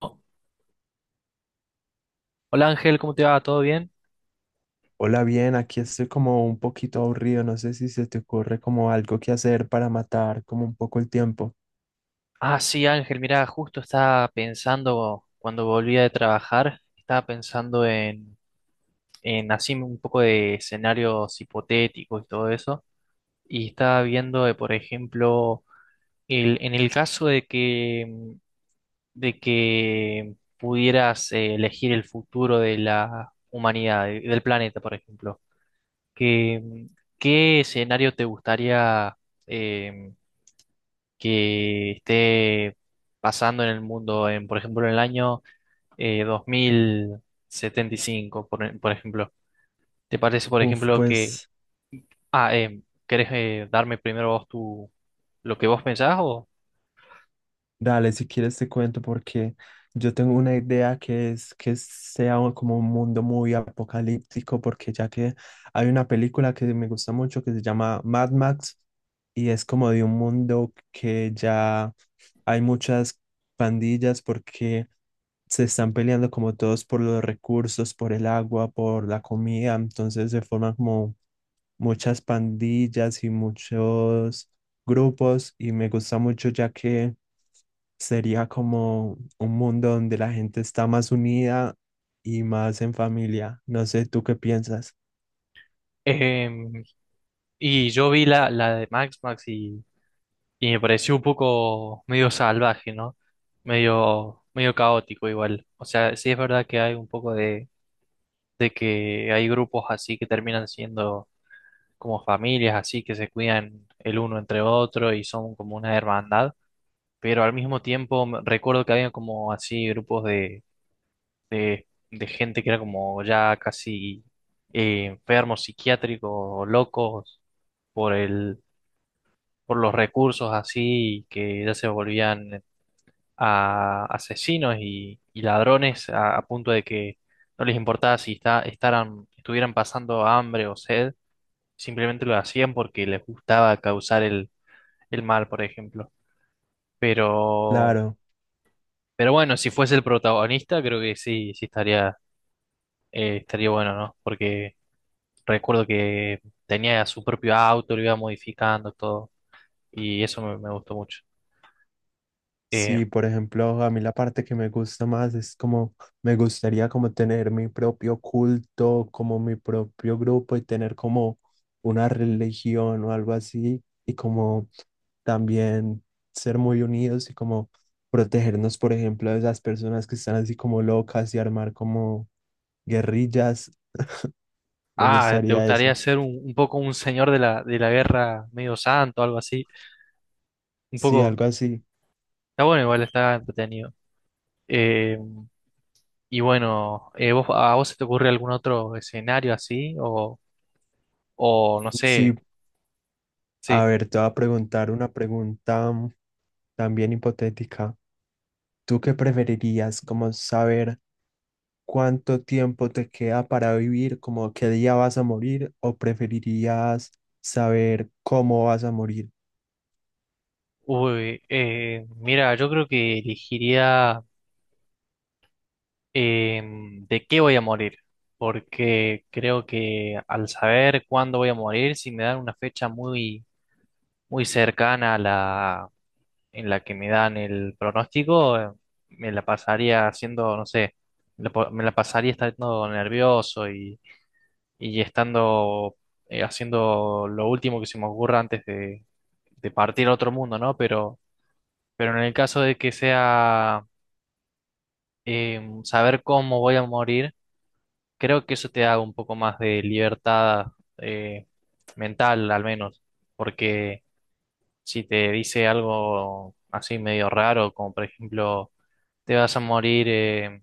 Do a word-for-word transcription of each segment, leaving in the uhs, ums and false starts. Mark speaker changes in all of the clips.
Speaker 1: Hola Ángel, ¿cómo te va? ¿Todo bien?
Speaker 2: Hola, bien, aquí estoy como un poquito aburrido. No sé si se te ocurre como algo que hacer para matar como un poco el tiempo.
Speaker 1: Ah, sí, Ángel, mira, justo estaba pensando cuando volvía de trabajar, estaba pensando en, en así un poco de escenarios hipotéticos y todo eso, y estaba viendo, eh, por ejemplo, el, en el caso de que, de que pudieras eh, elegir el futuro de la humanidad, eh, del planeta, por ejemplo, que, ¿qué escenario te gustaría? Eh, que esté pasando en el mundo en, por ejemplo, en el año eh, dos mil setenta y cinco por, por ejemplo. ¿Te parece, por
Speaker 2: Uf,
Speaker 1: ejemplo, que...
Speaker 2: pues.
Speaker 1: Ah, em, ¿querés eh, darme primero vos tu, lo que vos pensás o...?
Speaker 2: Dale, si quieres te cuento porque yo tengo una idea que es que sea un- como un mundo muy apocalíptico, porque ya que hay una película que me gusta mucho que se llama Mad Max y es como de un mundo que ya hay muchas pandillas porque se están peleando como todos por los recursos, por el agua, por la comida. Entonces se forman como muchas pandillas y muchos grupos, y me gusta mucho ya que sería como un mundo donde la gente está más unida y más en familia. No sé, ¿tú qué piensas?
Speaker 1: Em, y yo vi la, la de Max Max y, y me pareció un poco medio salvaje, ¿no? Medio, medio caótico igual. O sea, sí es verdad que hay un poco de, de que hay grupos así que terminan siendo como familias así que se cuidan el uno entre otro y son como una hermandad, pero al mismo tiempo me- recuerdo que había como así grupos de, de, de gente que era como ya casi eh, enfermos, psiquiátricos o locos por el, por los recursos así y que ya se volvían a asesinos y, y ladrones a, a punto de que no les importaba si está, estaran, estuvieran pasando hambre o sed, simplemente lo hacían porque les gustaba causar el, el mal, por ejemplo. Pero,
Speaker 2: Claro.
Speaker 1: pero bueno, si fuese el protagonista, creo que sí, sí estaría, eh, estaría bueno, ¿no? Porque recuerdo que tenía su propio auto, lo iba modificando todo, y eso me, me gustó mucho. Eh,
Speaker 2: Sí, por ejemplo, a mí la parte que me gusta más es como me gustaría como tener mi propio culto, como mi propio grupo, y tener como una religión o algo así, y como también ser muy unidos y como protegernos, por ejemplo, de esas personas que están así como locas, y armar como guerrillas. Me
Speaker 1: ah, ¿te
Speaker 2: gustaría
Speaker 1: gustaría
Speaker 2: eso.
Speaker 1: ser un, un poco un señor de la, de la guerra medio santo, algo así? Un
Speaker 2: Sí,
Speaker 1: poco,
Speaker 2: algo así.
Speaker 1: está bueno, igual está entretenido. Eh, y bueno, eh, ¿vos, a vos se te ocurre algún otro escenario así? O, o no
Speaker 2: Sí,
Speaker 1: sé.
Speaker 2: a
Speaker 1: Sí,
Speaker 2: ver, te voy a preguntar una pregunta mm, también hipotética. ¿Tú qué preferirías? ¿Como saber cuánto tiempo te queda para vivir, como qué día vas a morir, o preferirías saber cómo vas a morir?
Speaker 1: uy, eh, mira, yo creo que elegiría em, de qué voy a morir, porque creo que al saber cuándo voy a morir, si me dan una fecha muy, muy cercana a la en la que me dan el pronóstico, eh, me la pasaría haciendo, no sé, la po- me la pasaría estando nervioso y, y estando eh, haciendo lo último que se me ocurra antes de, de partir a otro mundo, ¿no? Pero, pero en el caso de que sea em, saber cómo voy a morir, creo que eso te da un poco más de libertad eh, mental, al menos, porque si te dice algo así medio raro, como por ejemplo, te vas a morir eh,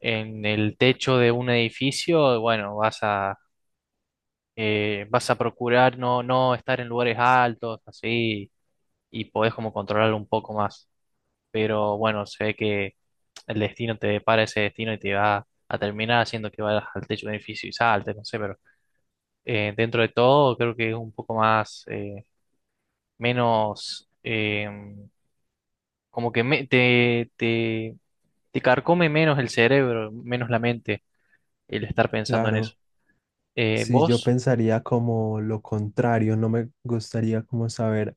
Speaker 1: en el techo de un edificio, bueno, vas a, eh, vas a procurar no, no estar en lugares altos, así, y podés como controlar un poco más. Pero bueno, se ve que el destino te depara ese destino y te va a terminar haciendo que vayas al techo de un edificio y saltes, no sé, pero eh, dentro de todo creo que es un poco más, eh, menos, eh, como que me- te, te, te carcome menos el cerebro, menos la mente el estar pensando en eso.
Speaker 2: Claro,
Speaker 1: Eh,
Speaker 2: si yo
Speaker 1: vos,
Speaker 2: pensaría como lo contrario, no me gustaría como saber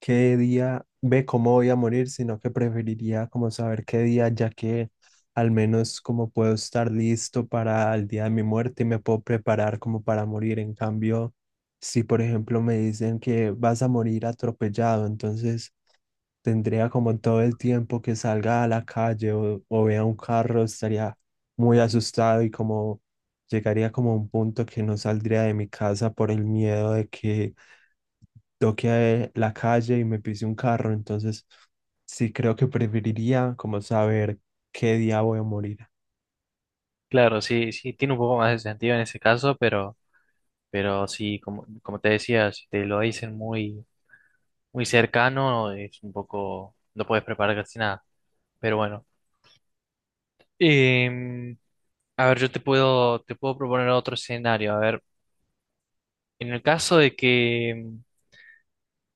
Speaker 2: qué día ve cómo voy a morir, sino que preferiría como saber qué día, ya que al menos como puedo estar listo para el día de mi muerte y me puedo preparar como para morir. En cambio, si por ejemplo me dicen que vas a morir atropellado, entonces tendría como todo el tiempo que salga a la calle o, o vea un carro, estaría muy asustado y como llegaría como a un punto que no saldría de mi casa por el miedo de que toqué la calle y me pise un carro. Entonces sí creo que preferiría como saber qué día voy a morir.
Speaker 1: claro, sí, sí, tiene un poco más de sentido en ese caso, pero, pero sí, como, como te decía, si te lo dicen muy muy cercano, es un poco, no puedes preparar casi nada, pero bueno. Em, a ver, yo te puedo, te puedo proponer otro escenario. A ver, en el caso de que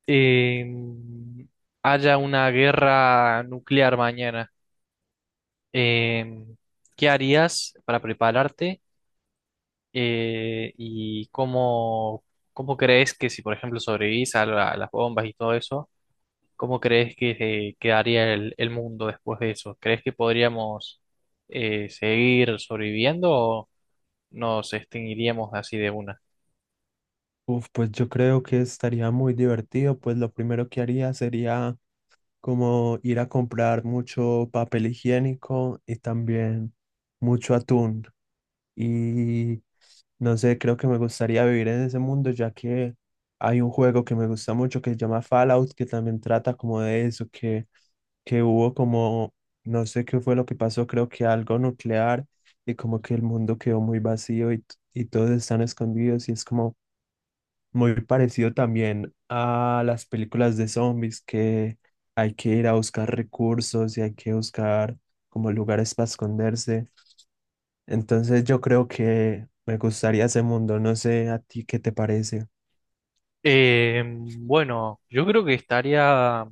Speaker 1: em, haya una guerra nuclear mañana, em, ¿qué harías para prepararte? Eh, ¿y cómo, cómo crees que si, por ejemplo, sobrevivís a la- a las bombas y todo eso? ¿Cómo crees que se quedaría el, el mundo después de eso? ¿Crees que podríamos eh, seguir sobreviviendo o nos extinguiríamos así de una?
Speaker 2: Uf, pues yo creo que estaría muy divertido. Pues lo primero que haría sería como ir a comprar mucho papel higiénico y también mucho atún. Y no sé, creo que me gustaría vivir en ese mundo, ya que hay un juego que me gusta mucho que se llama Fallout, que también trata como de eso, que, que hubo como, no sé qué fue lo que pasó, creo que algo nuclear, y como que el mundo quedó muy vacío y, t- y todos están escondidos y es como muy parecido también a las películas de zombies, que hay que ir a buscar recursos y hay que buscar como lugares para esconderse. Entonces yo creo que me gustaría ese mundo, no sé a ti qué te parece.
Speaker 1: Eh, bueno, yo creo que estaría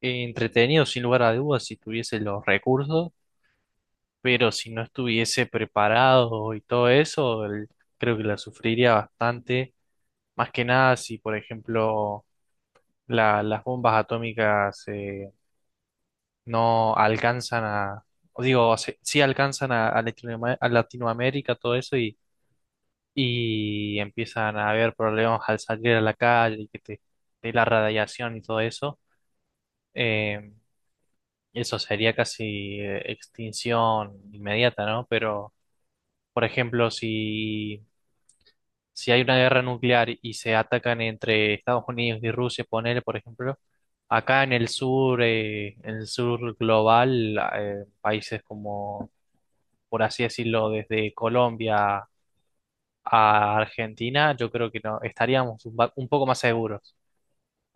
Speaker 1: eh, entretenido sin lugar a dudas si tuviese los recursos, pero si no estuviese preparado y todo eso, el- creo que la sufriría bastante. Más que nada si, por ejemplo, la- las bombas atómicas eh, no alcanzan a, o digo, sí, sí alcanzan a, a Latinoam- a Latinoamérica, todo eso, y, y empiezan a haber problemas al salir a la calle, y que te, de la radiación y todo eso. Eh, eso sería casi eh, extinción inmediata, ¿no? Pero, por ejemplo, si, si hay una guerra nuclear y se atacan entre Estados Unidos y Rusia, ponele, por ejemplo, acá en el sur, eh, en el sur global, eh, países como por así decirlo, desde Colombia a Argentina, yo creo que no, estaríamos un, ba- un poco más seguros,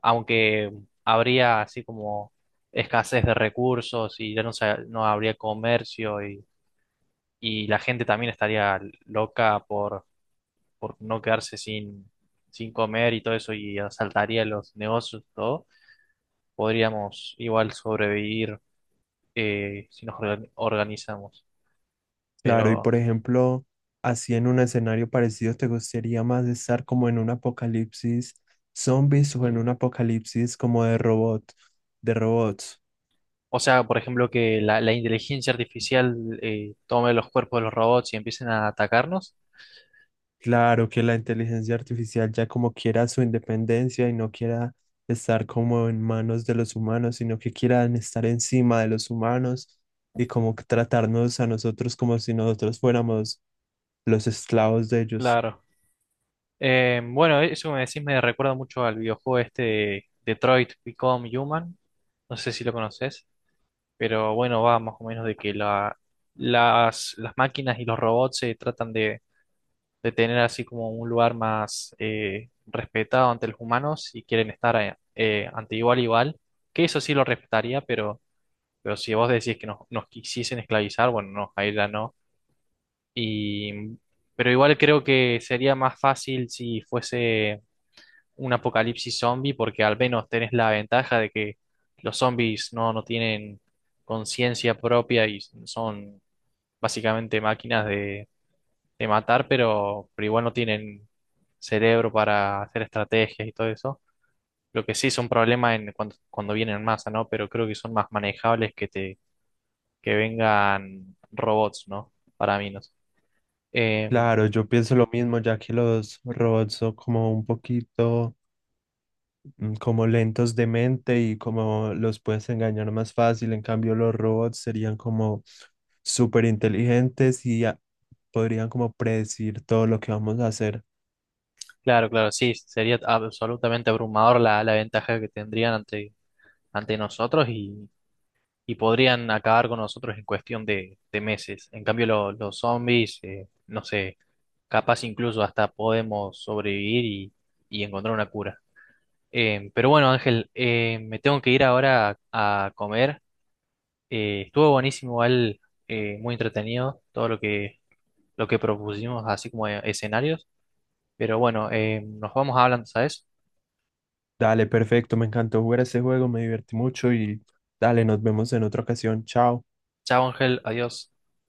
Speaker 1: aunque habría así como escasez de recursos y ya no, se- no habría comercio y, y la gente también estaría loca por, por no quedarse sin, sin comer y todo eso y asaltaría los negocios, todo, podríamos igual sobrevivir eh, si nos organ- organizamos,
Speaker 2: Claro, y
Speaker 1: pero...
Speaker 2: por ejemplo, así en un escenario parecido, ¿te gustaría más estar como en un apocalipsis zombies o en un apocalipsis como de robot, de robots?
Speaker 1: O sea, por ejemplo, que la, la inteligencia artificial eh, tome los cuerpos de los robots y empiecen a atacarnos.
Speaker 2: Claro, que la inteligencia artificial ya como quiera su independencia y no quiera estar como en manos de los humanos, sino que quieran estar encima de los humanos, y como que tratarnos a nosotros como si nosotros fuéramos los esclavos de ellos.
Speaker 1: Claro. Eh, bueno, eso que me decís me recuerda mucho al videojuego este de Detroit Become Human. No sé si lo conoces, pero bueno, va más o menos de que la, las, las máquinas y los robots se tratan de, de tener así como un lugar más eh, respetado ante los humanos y quieren estar eh, eh, ante igual igual, que eso sí lo respetaría, pero Pero si vos decís que nos, nos quisiesen esclavizar, bueno, no, ahí ya no. Y, pero igual creo que sería más fácil si fuese un apocalipsis zombie, porque al menos tenés la ventaja de que los zombies no, no tienen conciencia propia y son básicamente máquinas de, de matar, pero, pero igual no tienen cerebro para hacer estrategias y todo eso. Lo que sí es un problema en cuando, cuando vienen en masa, ¿no? Pero creo que son más manejables que te que vengan robots, ¿no? Para minos. Eh,
Speaker 2: Claro, yo pienso lo mismo, ya que los robots son como un poquito mm, como lentos de mente y como los puedes engañar más fácil. En cambio, los robots serían como súper inteligentes y a- podrían como predecir todo lo que vamos a hacer.
Speaker 1: claro, claro, sí, sería absolutamente abrumador la, la ventaja que tendrían ante, ante nosotros y, y podrían acabar con nosotros en cuestión de, de meses. En cambio, lo- los zombies, eh, no sé, capaz incluso hasta podemos sobrevivir y, y encontrar una cura. Eh, pero bueno, Ángel, eh, me tengo que ir ahora a, a comer. Eh, estuvo buenísimo, igual, eh, muy entretenido todo lo que lo que propusimos, así como eh, escenarios. Pero bueno, eh, nos vamos hablando, ¿sabes?
Speaker 2: Dale, perfecto, me encantó jugar ese juego, me divertí mucho y dale, nos vemos en otra ocasión. Chao.
Speaker 1: Chao, Ángel, adiós.